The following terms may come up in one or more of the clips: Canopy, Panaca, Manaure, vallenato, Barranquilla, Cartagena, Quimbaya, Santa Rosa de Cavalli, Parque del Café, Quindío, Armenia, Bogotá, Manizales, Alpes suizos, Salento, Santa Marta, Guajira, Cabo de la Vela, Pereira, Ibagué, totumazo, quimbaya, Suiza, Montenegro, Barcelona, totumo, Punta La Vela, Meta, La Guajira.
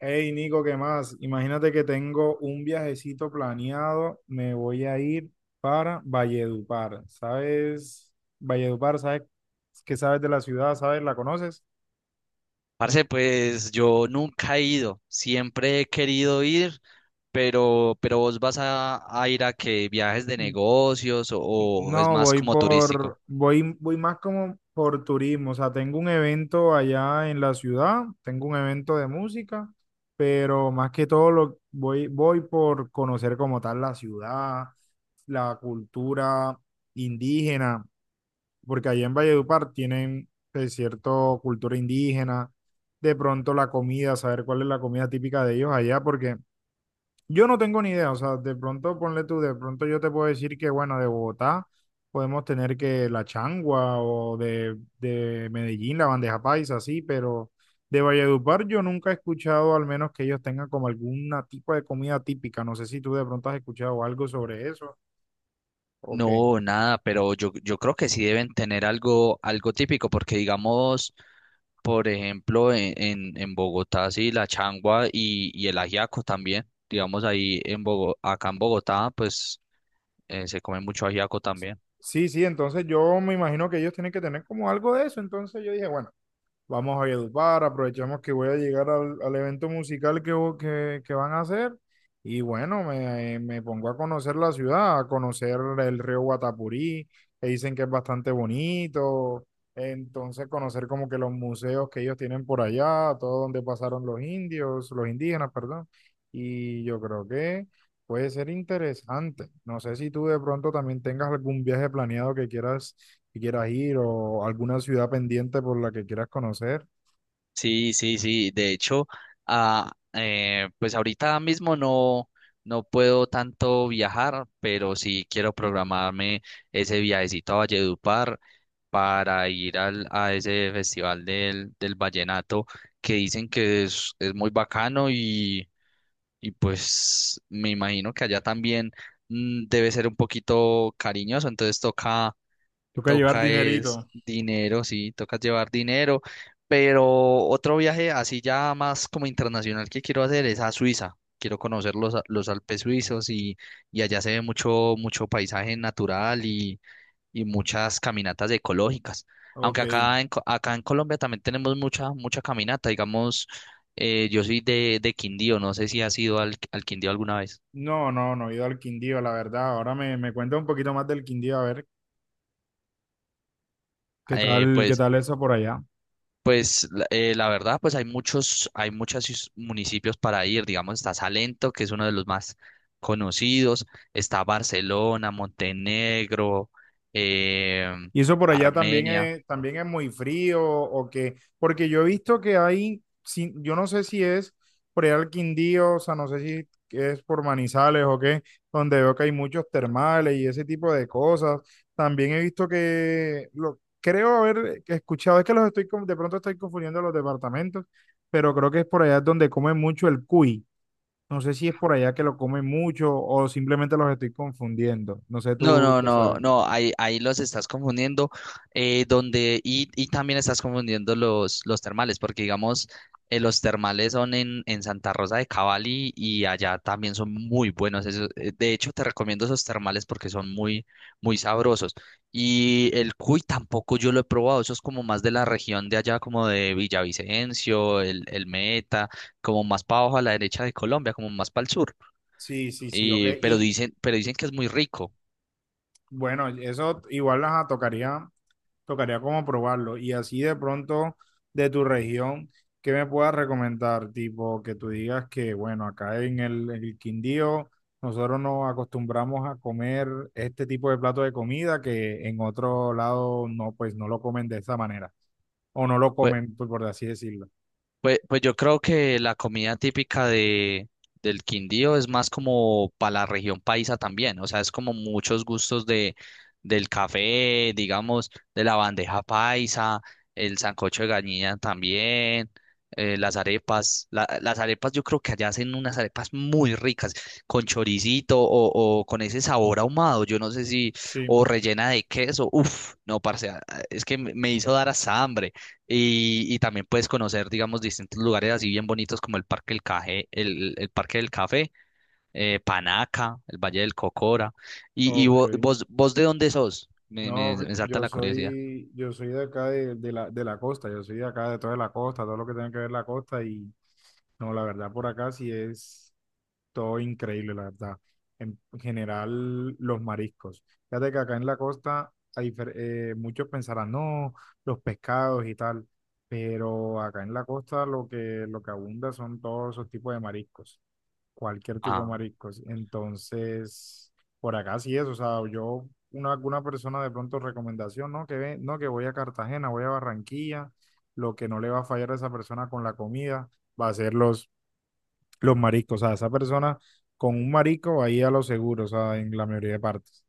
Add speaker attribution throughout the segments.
Speaker 1: Hey Nico, ¿qué más? Imagínate que tengo un viajecito planeado, me voy a ir para Valledupar. ¿Sabes? Valledupar, ¿sabes qué sabes de la ciudad? ¿Sabes? ¿La conoces?
Speaker 2: Parce, pues yo nunca he ido, siempre he querido ir, pero vos vas a ir a que viajes de
Speaker 1: N-
Speaker 2: negocios o es
Speaker 1: No,
Speaker 2: más como turístico.
Speaker 1: voy, voy más como por turismo. O sea, tengo un evento allá en la ciudad, tengo un evento de música, pero más que todo voy por conocer como tal la ciudad, la cultura indígena porque allá en Valledupar tienen cierto cultura indígena, de pronto la comida, saber cuál es la comida típica de ellos allá, porque yo no tengo ni idea, o sea, de pronto ponle tú, de pronto yo te puedo decir que, bueno, de Bogotá podemos tener que la changua o de Medellín, la bandeja paisa, así, pero de Valledupar yo nunca he escuchado, al menos que ellos tengan como alguna tipo de comida típica, no sé si tú de pronto has escuchado algo sobre eso o qué.
Speaker 2: No, nada, pero yo creo que sí deben tener algo, algo típico, porque digamos, por ejemplo, en Bogotá, sí, la changua y el ajiaco también. Digamos, ahí en acá en Bogotá, pues se come mucho ajiaco también.
Speaker 1: Sí, sí, entonces yo me imagino que ellos tienen que tener como algo de eso. Entonces yo dije, bueno, vamos a Valledupar, aprovechamos que voy a llegar al evento musical que van a hacer. Y bueno, me pongo a conocer la ciudad, a conocer el río Guatapurí, que dicen que es bastante bonito. Entonces conocer como que los museos que ellos tienen por allá, todo donde pasaron los indios, los indígenas, perdón. Y yo creo que puede ser interesante. No sé si tú de pronto también tengas algún viaje planeado que quieras ir o alguna ciudad pendiente por la que quieras conocer.
Speaker 2: Sí, sí, sí. De hecho, pues ahorita mismo no, no puedo tanto viajar, pero sí quiero programarme ese viajecito a Valledupar para ir a ese festival del vallenato que dicen que es muy bacano. Y pues me imagino que allá también debe ser un poquito cariñoso, entonces toca,
Speaker 1: Toca llevar
Speaker 2: toca es
Speaker 1: dinerito.
Speaker 2: dinero, sí, toca llevar dinero, pero otro viaje así ya más como internacional que quiero hacer es a Suiza. Quiero conocer los Alpes suizos, y allá se ve mucho, mucho paisaje natural y muchas caminatas ecológicas. Aunque
Speaker 1: Ok.
Speaker 2: acá acá en Colombia también tenemos mucha, mucha caminata. Digamos, yo soy de Quindío, no sé si has ido al Quindío alguna vez.
Speaker 1: No, no, no he ido al Quindío, la verdad. Ahora me cuenta un poquito más del Quindío, a ver
Speaker 2: Eh,
Speaker 1: qué
Speaker 2: pues,
Speaker 1: tal eso por allá.
Speaker 2: pues la verdad, pues hay muchos municipios para ir. Digamos, está Salento, que es uno de los más conocidos. Está Barcelona, Montenegro, eh,
Speaker 1: Y eso por allá
Speaker 2: Armenia.
Speaker 1: también es muy frío o que, porque yo he visto que hay, yo no sé si es por allá el Quindío, o sea, no sé si es por Manizales o qué, donde veo que hay muchos termales y ese tipo de cosas. También he visto que, lo, creo haber escuchado, es que los estoy, de pronto estoy confundiendo los departamentos, pero creo que es por allá donde comen mucho el cuy. No sé si es por allá que lo comen mucho o simplemente los estoy confundiendo. No sé
Speaker 2: No,
Speaker 1: tú
Speaker 2: no,
Speaker 1: qué
Speaker 2: no,
Speaker 1: sabes.
Speaker 2: no, ahí, ahí los estás confundiendo, y también estás confundiendo los termales, porque digamos, los termales son en Santa Rosa de Cavalli, y allá también son muy buenos. De hecho, te recomiendo esos termales porque son muy, muy sabrosos. Y el cuy tampoco yo lo he probado, eso es como más de la región de allá, como de Villavicencio, el Meta, como más para abajo a la derecha de Colombia, como más para el sur.
Speaker 1: Sí, sí, sí, ok.
Speaker 2: Y,
Speaker 1: Y
Speaker 2: pero dicen que es muy rico.
Speaker 1: bueno, eso igual las tocaría, tocaría como probarlo. Y así de pronto de tu región, ¿qué me puedas recomendar? Tipo, que tú digas que, bueno, acá en el Quindío nosotros nos acostumbramos a comer este tipo de plato de comida que en otro lado no, pues no lo comen de esa manera. O no lo comen, por así decirlo.
Speaker 2: Pues, pues yo creo que la comida típica del Quindío es más como para la región paisa también, o sea, es como muchos gustos del café, digamos, de la bandeja paisa, el sancocho de gallina también, las arepas, las arepas yo creo que allá hacen unas arepas muy ricas, con choricito o con ese sabor ahumado, yo no sé si,
Speaker 1: Sí.
Speaker 2: o rellena de queso, uff, no, parce, es que me hizo dar hasta hambre. Y también puedes conocer, digamos, distintos lugares así bien bonitos como el Parque del Café, el Parque del Café, Panaca, el Valle del Cocora. Y
Speaker 1: Ok.
Speaker 2: vos, de dónde sos?
Speaker 1: No,
Speaker 2: Me salta la curiosidad.
Speaker 1: yo soy de acá de la costa, yo soy de acá de toda la costa, todo lo que tiene que ver la costa. Y no, la verdad, por acá sí es todo increíble, la verdad. En general, los mariscos. Fíjate que acá en la costa, a muchos pensarán, no, los pescados y tal, pero acá en la costa lo que abunda son todos esos tipos de mariscos, cualquier tipo de
Speaker 2: Ah.
Speaker 1: mariscos. Entonces, por acá sí es, o sea, yo, una, alguna persona de pronto recomendación, no, que ve, no, que voy a Cartagena, voy a Barranquilla, lo que no le va a fallar a esa persona con la comida va a ser los mariscos, o sea, esa persona con un marisco ahí a lo seguro, o sea, en la mayoría de partes.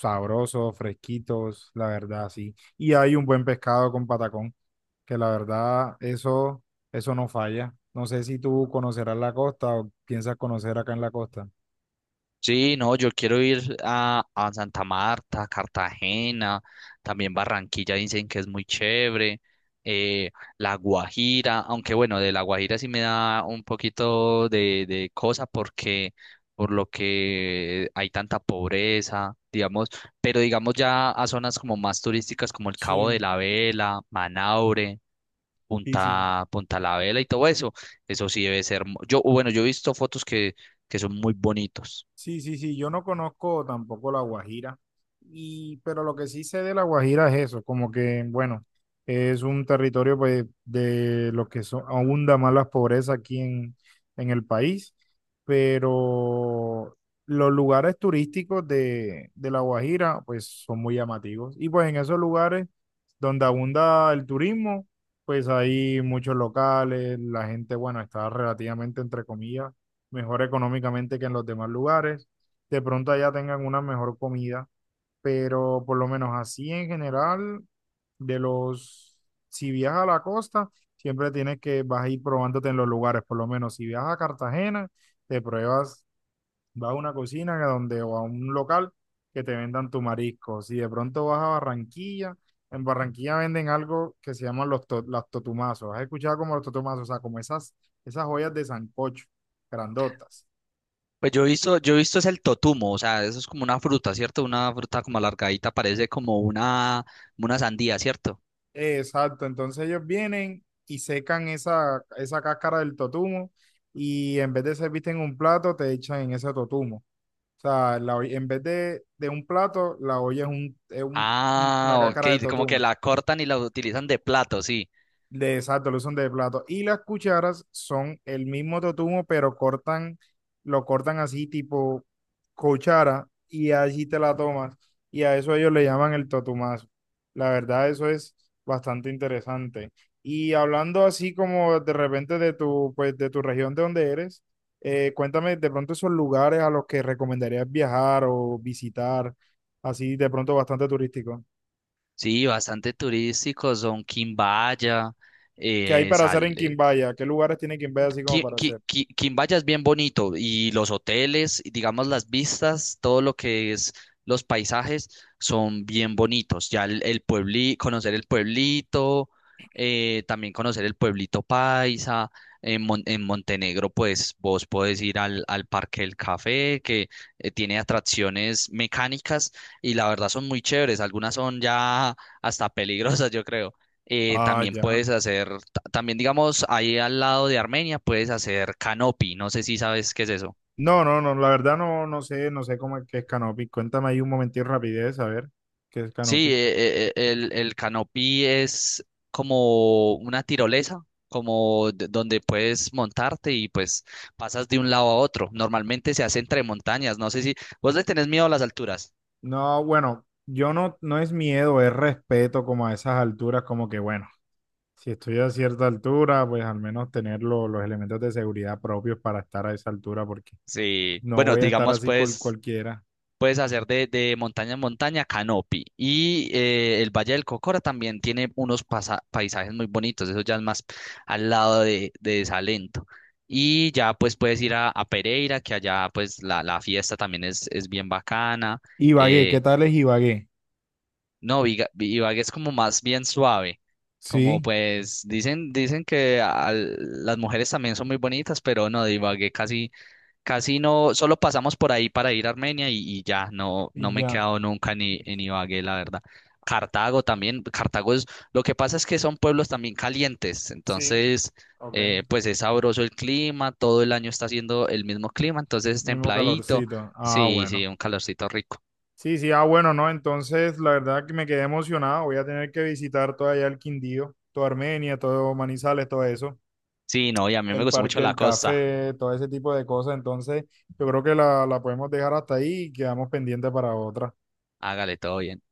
Speaker 1: Sabrosos, fresquitos, la verdad, sí. Y hay un buen pescado con patacón, que la verdad, eso no falla. No sé si tú conocerás la costa o piensas conocer acá en la costa.
Speaker 2: Sí, no, yo quiero ir a Santa Marta, Cartagena, también Barranquilla dicen que es muy chévere, eh, La Guajira, aunque bueno, de La Guajira sí me da un poquito de cosa porque por lo que hay tanta pobreza, digamos, pero digamos ya a zonas como más turísticas como el Cabo de
Speaker 1: Sí,
Speaker 2: la Vela, Manaure,
Speaker 1: sí, sí.
Speaker 2: Punta La Vela y todo eso, eso sí debe ser, bueno, yo he visto fotos que son muy bonitos.
Speaker 1: Sí, sí, sí, yo no conozco tampoco la Guajira, y, pero lo que sí sé de la Guajira es eso, como que, bueno, es un territorio pues, de lo que son, abunda más las pobrezas aquí en el país, pero los lugares turísticos de la Guajira pues son muy llamativos, y pues en esos lugares donde abunda el turismo, pues hay muchos locales, la gente, bueno, está relativamente entre comillas mejor económicamente que en los demás lugares. De pronto allá tengan una mejor comida, pero por lo menos así en general, de los, si viajas a la costa, siempre tienes que, vas a ir probándote en los lugares, por lo menos si viajas a Cartagena, te pruebas, vas a una cocina que donde, o a un local que te vendan tu marisco. Si de pronto vas a Barranquilla, en Barranquilla venden algo que se llaman las totumazos. ¿Has escuchado como los totumazos? O sea, como esas, esas joyas de sancocho, grandotas.
Speaker 2: Pues yo he visto es el totumo, o sea, eso es como una fruta, ¿cierto? Una fruta como alargadita, parece como una sandía, ¿cierto?
Speaker 1: Exacto, entonces ellos vienen y secan esa cáscara del totumo y en vez de servirte en un plato, te echan en ese totumo. O sea, en vez de un plato, la olla es,
Speaker 2: Ah,
Speaker 1: una cáscara de
Speaker 2: ok, como que
Speaker 1: totumo.
Speaker 2: la cortan y la utilizan de plato, sí.
Speaker 1: De, exacto, lo usan de plato. Y las cucharas son el mismo totumo, pero cortan, lo cortan así tipo cuchara y allí te la tomas. Y a eso ellos le llaman el totumazo. La verdad, eso es bastante interesante. Y hablando así como de repente de tu, pues, de tu región de donde eres, cuéntame de pronto esos lugares a los que recomendarías viajar o visitar, así de pronto bastante turístico.
Speaker 2: Sí, bastante turístico, son Quimbaya.
Speaker 1: ¿Qué hay para hacer en Quimbaya? ¿Qué lugares tiene Quimbaya así como para hacer?
Speaker 2: Quimbaya es bien bonito, y los hoteles, y digamos las vistas, todo lo que es los paisajes son bien bonitos. Ya el conocer el pueblito, también conocer el pueblito paisa. En Montenegro, pues vos podés ir al Parque del Café, que tiene atracciones mecánicas, y la verdad son muy chéveres. Algunas son ya hasta peligrosas, yo creo.
Speaker 1: Ah,
Speaker 2: También
Speaker 1: ya.
Speaker 2: puedes hacer también, digamos, ahí al lado de Armenia puedes hacer canopy. No sé si sabes qué es eso.
Speaker 1: No, no, no, la verdad no, no sé, no sé cómo es que es Canopy. Cuéntame ahí un momentito rapidez, a ver qué es
Speaker 2: Sí,
Speaker 1: Canopy.
Speaker 2: el canopy es como una tirolesa, como donde puedes montarte y pues pasas de un lado a otro. Normalmente se hace entre montañas. No sé si vos le tenés miedo a las alturas.
Speaker 1: No, bueno, yo no, no es miedo, es respeto como a esas alturas, como que bueno, si estoy a cierta altura, pues al menos tener los elementos de seguridad propios para estar a esa altura, porque
Speaker 2: Sí,
Speaker 1: no
Speaker 2: bueno,
Speaker 1: voy a estar
Speaker 2: digamos,
Speaker 1: así con
Speaker 2: pues
Speaker 1: cualquiera.
Speaker 2: puedes hacer de montaña en montaña canopy. Y el Valle del Cocora también tiene unos paisajes muy bonitos. Eso ya es más al lado de Salento. Y ya pues puedes ir a Pereira, que allá pues la fiesta también es bien bacana.
Speaker 1: Ibagué, ¿qué
Speaker 2: Eh,
Speaker 1: tal es Ibagué?
Speaker 2: no, Viga- Ibagué es como más bien suave. Como
Speaker 1: Sí,
Speaker 2: pues dicen, dicen que las mujeres también son muy bonitas, pero no, de Ibagué casi, casi no, solo pasamos por ahí para ir a Armenia y ya, no, no
Speaker 1: y
Speaker 2: me he
Speaker 1: ya.
Speaker 2: quedado nunca ni en Ibagué, la verdad. Cartago también, Cartago es, lo que pasa es que son pueblos también calientes,
Speaker 1: Sí,
Speaker 2: entonces,
Speaker 1: ok.
Speaker 2: pues es sabroso el clima, todo el año está haciendo el mismo clima, entonces es
Speaker 1: Mismo
Speaker 2: templadito,
Speaker 1: calorcito. Ah,
Speaker 2: sí,
Speaker 1: bueno.
Speaker 2: sí, un calorcito rico.
Speaker 1: Sí, sí, ah, bueno, no, entonces la verdad que me quedé emocionado. Voy a tener que visitar todo allá el Quindío, toda Armenia, todo Manizales, todo eso,
Speaker 2: Sí, no, y a mí me
Speaker 1: el
Speaker 2: gustó mucho
Speaker 1: Parque
Speaker 2: la
Speaker 1: del
Speaker 2: costa.
Speaker 1: Café, todo ese tipo de cosas. Entonces, yo creo que la podemos dejar hasta ahí y quedamos pendientes para otra.
Speaker 2: Hágale, todo bien.